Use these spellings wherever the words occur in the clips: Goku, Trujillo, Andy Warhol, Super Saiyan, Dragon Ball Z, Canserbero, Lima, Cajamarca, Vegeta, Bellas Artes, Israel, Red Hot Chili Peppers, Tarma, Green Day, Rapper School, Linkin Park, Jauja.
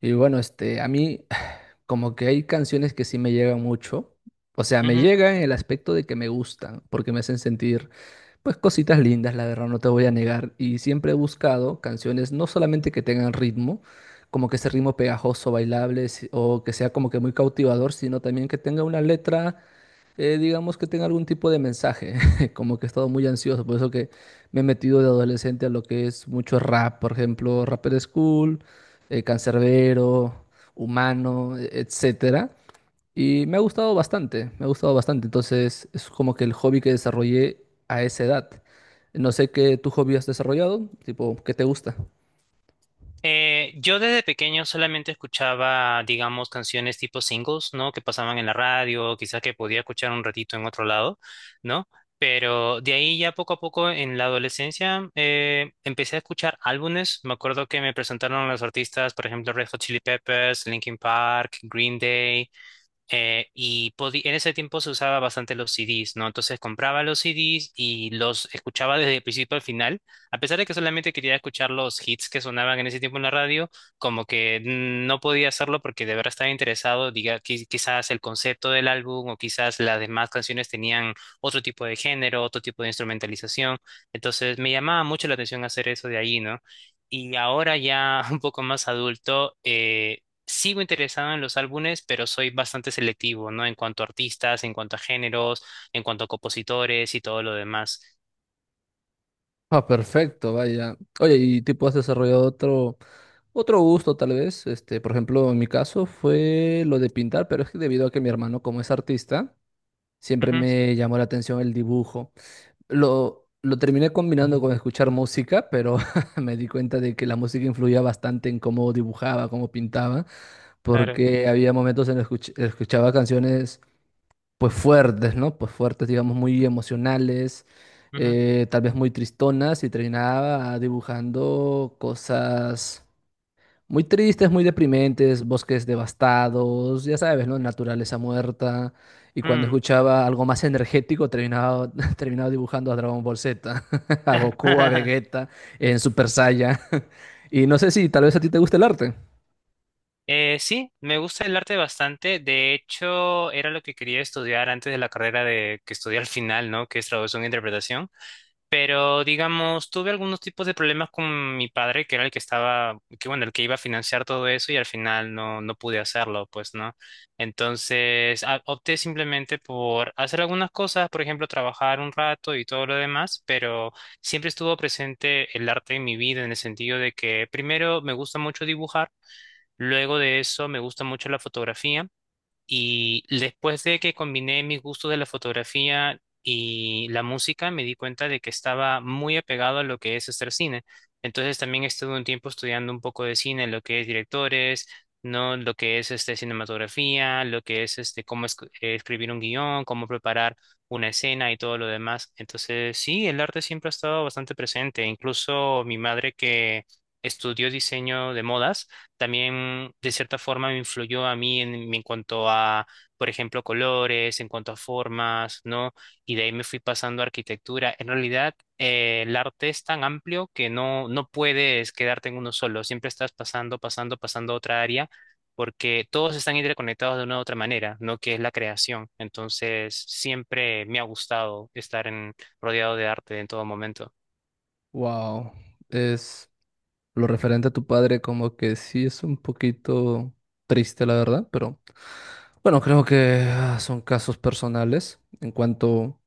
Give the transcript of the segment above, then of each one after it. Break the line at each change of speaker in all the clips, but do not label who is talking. Y bueno, este, a mí como que hay canciones que sí me llegan mucho. O sea, me
Ujú.
llegan en el aspecto de que me gustan, porque me hacen sentir, pues, cositas lindas, la verdad, no te voy a negar. Y siempre he buscado canciones no solamente que tengan ritmo, como que ese ritmo pegajoso, bailable, o que sea como que muy cautivador, sino también que tenga una letra digamos que tenga algún tipo de mensaje, como que he estado muy ansioso, por eso que me he metido de adolescente a lo que es mucho rap, por ejemplo, Rapper School, Canserbero, Humano, etcétera, y me ha gustado bastante, me ha gustado bastante, entonces es como que el hobby que desarrollé a esa edad. No sé qué tu hobby has desarrollado, tipo, ¿qué te gusta?
Yo desde pequeño solamente escuchaba, digamos, canciones tipo singles, ¿no? Que pasaban en la radio, quizás que podía escuchar un ratito en otro lado, ¿no? Pero de ahí ya poco a poco en la adolescencia empecé a escuchar álbumes. Me acuerdo que me presentaron los artistas, por ejemplo, Red Hot Chili Peppers, Linkin Park, Green Day. En ese tiempo se usaba bastante los CDs, ¿no? Entonces compraba los CDs y los escuchaba desde el principio al final, a pesar de que solamente quería escuchar los hits que sonaban en ese tiempo en la radio, como que no podía hacerlo porque de verdad estaba interesado, quizás el concepto del álbum o quizás las demás canciones tenían otro tipo de género, otro tipo de instrumentalización, entonces me llamaba mucho la atención hacer eso de ahí, ¿no? Y ahora ya un poco más adulto, sigo interesado en los álbumes, pero soy bastante selectivo, ¿no? En cuanto a artistas, en cuanto a géneros, en cuanto a compositores y todo lo demás.
Ah, perfecto, vaya. Oye, y tipo has desarrollado otro, otro gusto tal vez. Este, por ejemplo, en mi caso fue lo de pintar, pero es que debido a que mi hermano, como es artista, siempre
Ujú,
me llamó la atención el dibujo. Lo terminé combinando con escuchar música, pero me di cuenta de que la música influía bastante en cómo dibujaba, cómo pintaba,
claro.
porque había momentos en los que escuchaba canciones pues fuertes, ¿no? Pues fuertes, digamos, muy emocionales,
Ujú,
tal vez muy tristonas y terminaba dibujando cosas muy tristes, muy deprimentes, bosques devastados, ya sabes, ¿no? Naturaleza muerta. Y cuando
mm.
escuchaba algo más energético, terminaba dibujando a Dragon Ball Z, a Goku, a Vegeta, en Super Saiyan. Y no sé si tal vez a ti te gusta el arte.
Sí, me gusta el arte bastante. De hecho, era lo que quería estudiar antes de la carrera de que estudié al final, ¿no? Que es traducción e interpretación. Pero, digamos, tuve algunos tipos de problemas con mi padre, que era el que estaba, que bueno, el que iba a financiar todo eso y al final no, no pude hacerlo, pues, ¿no? Entonces, opté simplemente por hacer algunas cosas, por ejemplo, trabajar un rato y todo lo demás, pero siempre estuvo presente el arte en mi vida en el sentido de que primero me gusta mucho dibujar, luego de eso me gusta mucho la fotografía. Y después de que combiné mis gustos de la fotografía y la música, me di cuenta de que estaba muy apegado a lo que es hacer cine. Entonces también estuve un tiempo estudiando un poco de cine, lo que es directores, no lo que es este cinematografía, lo que es este cómo escribir un guión, cómo preparar una escena y todo lo demás. Entonces, sí, el arte siempre ha estado bastante presente. Incluso mi madre que estudió diseño de modas también de cierta forma me influyó a mí en cuanto a, por ejemplo, colores, en cuanto a formas, ¿no? Y de ahí me fui pasando a arquitectura. En realidad, el arte es tan amplio que no, no puedes quedarte en uno solo, siempre estás pasando, pasando, pasando a otra área, porque todos están interconectados de una u otra manera, ¿no? Que es la creación. Entonces, siempre me ha gustado estar rodeado de arte en todo momento.
Wow, es... Lo referente a tu padre, como que sí es un poquito triste, la verdad, pero bueno, creo que son casos personales. En cuanto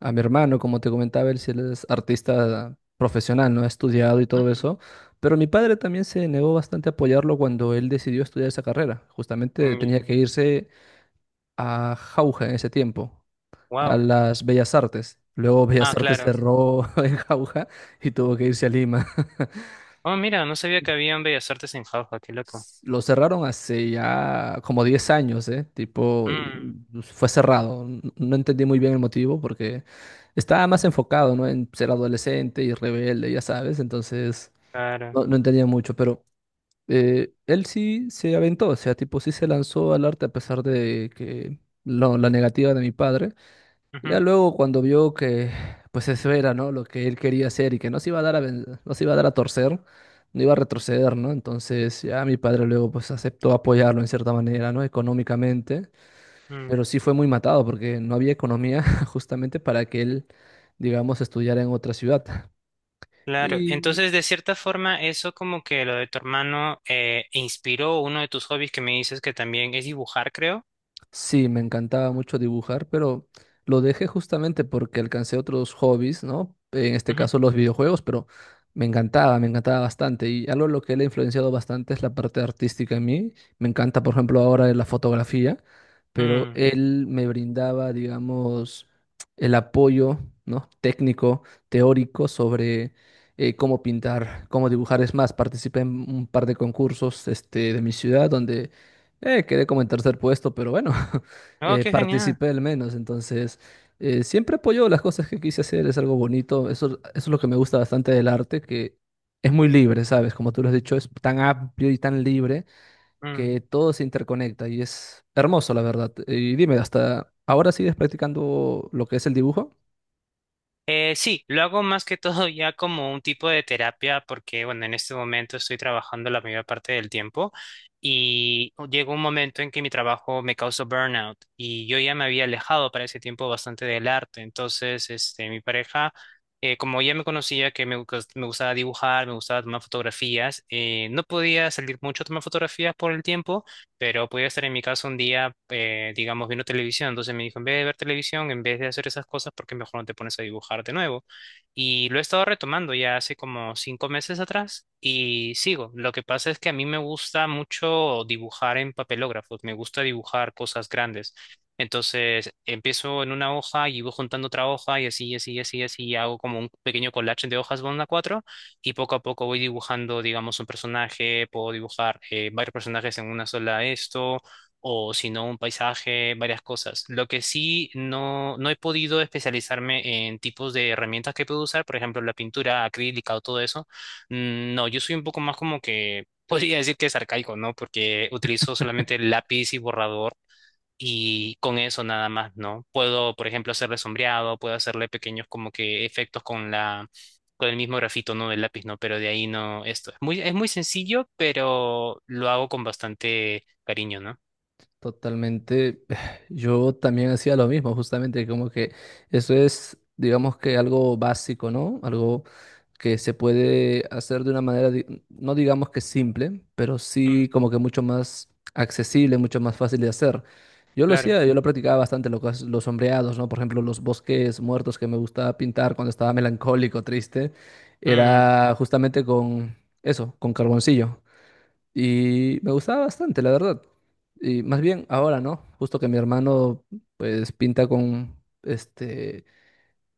a mi hermano, como te comentaba, él sí es artista profesional, ¿no? Ha estudiado y todo eso, pero mi padre también se negó bastante a apoyarlo cuando él decidió estudiar esa carrera. Justamente tenía que irse a Jauja en ese tiempo, a
Wow.
las Bellas Artes. Luego Bellas
Ah,
Artes
claro.
cerró en Jauja y tuvo que irse a Lima.
Oh, mira, no sabía que habían bellas artes en Jauja, qué loco.
Lo cerraron hace ya como 10 años, ¿eh? Tipo,
Mm,
pues, fue cerrado. No entendí muy bien el motivo porque estaba más enfocado, ¿no? En ser adolescente y rebelde, ya sabes. Entonces,
claro.
no entendía mucho, pero él sí se aventó, o sea, tipo, sí se lanzó al arte a pesar de que la negativa de mi padre.
Ujú,
Ya luego cuando vio que pues eso era, ¿no? Lo que él quería hacer y que no se iba a dar a, no se iba a dar a torcer, no iba a retroceder, ¿no? Entonces ya mi padre luego pues aceptó apoyarlo en cierta manera, ¿no? Económicamente,
mm,
pero sí fue muy matado porque no había economía justamente para que él, digamos, estudiara en otra ciudad.
claro.
Y
Entonces, de cierta forma, eso como que lo de tu hermano inspiró uno de tus hobbies que me dices que también es dibujar, creo.
sí, me encantaba mucho dibujar, pero lo dejé justamente porque alcancé otros hobbies, ¿no? En este
Ujú,
caso los videojuegos, pero me encantaba bastante. Y algo en lo que él ha influenciado bastante es la parte artística en mí. Me encanta, por ejemplo, ahora la fotografía, pero
mm.
él me brindaba, digamos, el apoyo, ¿no? Técnico, teórico sobre cómo pintar, cómo dibujar. Es más, participé en un par de concursos, este, de mi ciudad donde quedé como en tercer puesto, pero bueno,
Oh, qué genial.
participé al menos. Entonces, siempre apoyo las cosas que quise hacer, es algo bonito. Eso es lo que me gusta bastante del arte, que es muy libre, ¿sabes? Como tú lo has dicho, es tan amplio y tan libre
Mm.
que todo se interconecta y es hermoso, la verdad. Y dime, ¿hasta ahora sigues practicando lo que es el dibujo?
Sí, lo hago más que todo ya como un tipo de terapia porque, bueno, en este momento estoy trabajando la mayor parte del tiempo y llegó un momento en que mi trabajo me causó burnout y yo ya me había alejado para ese tiempo bastante del arte. Entonces, este, mi pareja, como ya me conocía que me gustaba dibujar, me gustaba tomar fotografías, no podía salir mucho a tomar fotografías por el tiempo. Pero podía estar en mi casa un día, digamos, viendo televisión. Entonces me dijo, en vez de ver televisión, en vez de hacer esas cosas, ¿por qué mejor no te pones a dibujar de nuevo? Y lo he estado retomando ya hace como 5 meses atrás y sigo. Lo que pasa es que a mí me gusta mucho dibujar en papelógrafos. Me gusta dibujar cosas grandes. Entonces empiezo en una hoja y voy juntando otra hoja y así, y así, y así, y así, y hago como un pequeño collage de hojas bond cuatro y poco a poco voy dibujando, digamos, un personaje, puedo dibujar varios personajes en una sola esto, o si no, un paisaje, varias cosas. Lo que sí no, no he podido especializarme en tipos de herramientas que puedo usar, por ejemplo, la pintura acrílica o todo eso. Mm, no, yo soy un poco más como que... Podría decir que es arcaico, ¿no? Porque utilizo solamente lápiz y borrador y con eso nada más, ¿no? Puedo, por ejemplo, hacerle sombreado, puedo hacerle pequeños como que efectos con la, con el mismo grafito, ¿no? Del lápiz, ¿no? Pero de ahí no, esto. Es muy sencillo, pero lo hago con bastante cariño, ¿no?
Totalmente. Yo también hacía lo mismo, justamente, como que eso es, digamos que algo básico, ¿no? Algo que se puede hacer de una manera, no digamos que simple, pero
Mm,
sí como que mucho más accesible, mucho más fácil de hacer. Yo lo
claro.
hacía, yo lo practicaba bastante, lo que es los sombreados, ¿no? Por ejemplo, los bosques muertos que me gustaba pintar cuando estaba melancólico, triste,
Mm.
era justamente con eso, con carboncillo. Y me gustaba bastante, la verdad. Y más bien ahora, ¿no? Justo que mi hermano pues pinta con este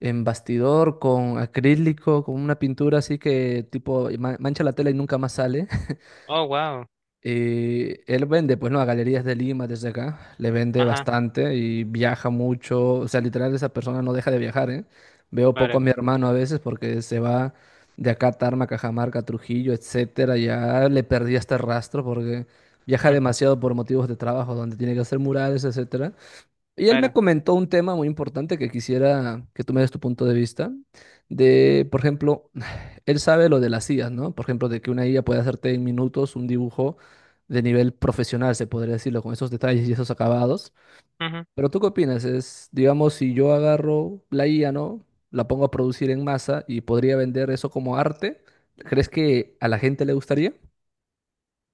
en bastidor, con acrílico, con una pintura así que tipo mancha la tela y nunca más sale.
Oh, wow.
Y él vende, pues no, a galerías de Lima desde acá, le vende
Ajá,
bastante y viaja mucho, o sea, literal esa persona no deja de viajar, ¿eh? Veo poco a
claro.
mi hermano a veces porque se va de acá a Tarma, Cajamarca, Trujillo, etcétera, ya le perdí este rastro porque viaja
Mm,
demasiado por motivos de trabajo, donde tiene que hacer murales, etcétera. Y él me
claro.
comentó un tema muy importante que quisiera que tú me des tu punto de vista, de, por ejemplo, él sabe lo de las IAs, ¿no? Por ejemplo, de que una IA puede hacerte en minutos un dibujo de nivel profesional, se podría decirlo, con esos detalles y esos acabados. Pero ¿tú qué opinas? Es, digamos, si yo agarro la IA, ¿no? La pongo a producir en masa y podría vender eso como arte, ¿crees que a la gente le gustaría?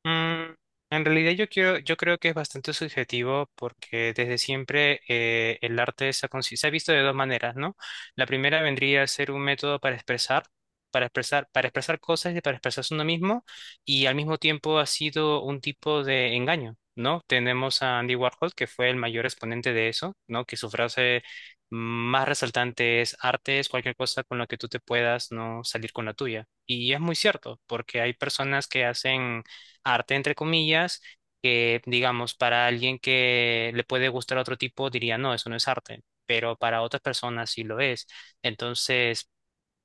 Mm, en realidad yo creo que es bastante subjetivo porque desde siempre el arte se ha visto de dos maneras, ¿no? La primera vendría a ser un método para expresar, cosas y para expresarse uno mismo, y al mismo tiempo ha sido un tipo de engaño, ¿no? Tenemos a Andy Warhol, que fue el mayor exponente de eso, ¿no? Que su frase más resaltante es: arte es cualquier cosa con la que tú te puedas no salir con la tuya. Y es muy cierto, porque hay personas que hacen arte, entre comillas, que digamos, para alguien que le puede gustar otro tipo, diría, no, eso no es arte, pero para otras personas sí lo es. Entonces,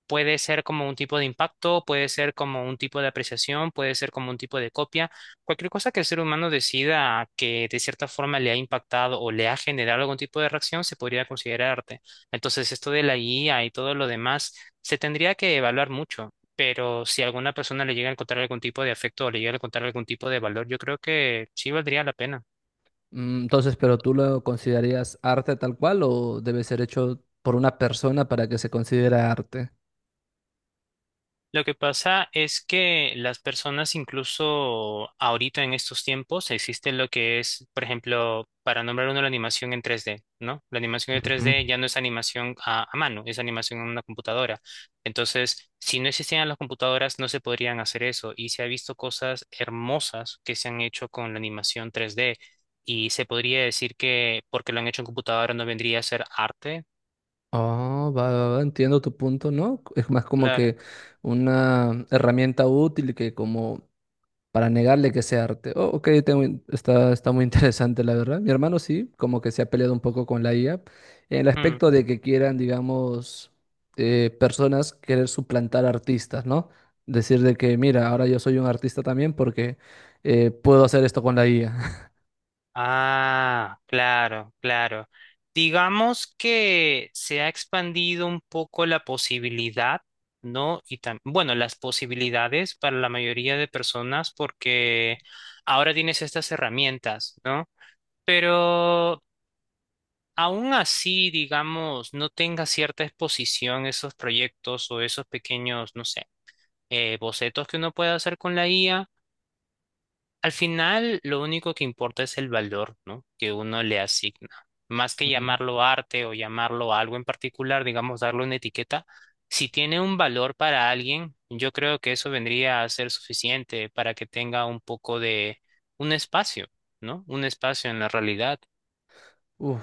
puede ser como un tipo de impacto, puede ser como un tipo de apreciación, puede ser como un tipo de copia. Cualquier cosa que el ser humano decida que de cierta forma le ha impactado o le ha generado algún tipo de reacción, se podría considerar arte. Entonces, esto de la IA y todo lo demás se tendría que evaluar mucho, pero si a alguna persona le llega a encontrar algún tipo de afecto o le llega a encontrar algún tipo de valor, yo creo que sí valdría la pena.
Mm, entonces, ¿pero tú lo considerarías arte tal cual o debe ser hecho por una persona para que se considere arte?
Lo que pasa es que las personas, incluso ahorita en estos tiempos, existe lo que es, por ejemplo, para nombrar uno, la animación en 3D, ¿no? La animación en tres
Ujú.
d ya no es animación a mano, es animación en una computadora. Entonces, si no existieran las computadoras, no se podrían hacer eso. Y se ha visto cosas hermosas que se han hecho con la animación 3D. Y se podría decir que porque lo han hecho en computadora no vendría a ser arte.
Oh, va, va, va, entiendo tu punto, ¿no? Es más como
Claro.
que una herramienta útil que como para negarle que sea arte. Oh, ok, tengo está, está muy interesante, la verdad. Mi hermano sí, como que se ha peleado un poco con la IA, en el
Mm.
aspecto de que quieran, digamos, personas querer suplantar artistas, ¿no? Decir de que, mira, ahora yo soy un artista también porque puedo hacer esto con la IA.
Ah, claro, claro. Digamos que se ha expandido un poco la posibilidad, ¿no? Y bueno, las posibilidades para la mayoría de personas porque ahora tienes estas herramientas, ¿no? Pero aún así, digamos, no tenga cierta exposición esos proyectos o esos pequeños, no sé, bocetos que uno puede hacer con la IA. Al final, lo único que importa es el valor, ¿no? Que uno le asigna. Más que llamarlo arte o llamarlo algo en particular, digamos, darle una etiqueta, si tiene un valor para alguien, yo creo que eso vendría a ser suficiente para que tenga un poco de un espacio, ¿no? Un espacio en la realidad.
Uf,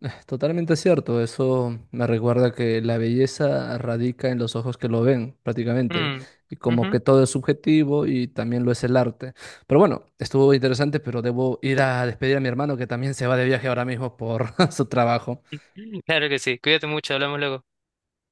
totalmente cierto. Eso me recuerda que la belleza radica en los ojos que lo ven, prácticamente.
Mm,
Y como
ujú.
que todo es subjetivo y también lo es el arte. Pero bueno, estuvo interesante, pero debo ir a despedir a mi hermano que también se va de viaje ahora mismo por su trabajo.
Claro que sí. Cuídate mucho, hablamos luego.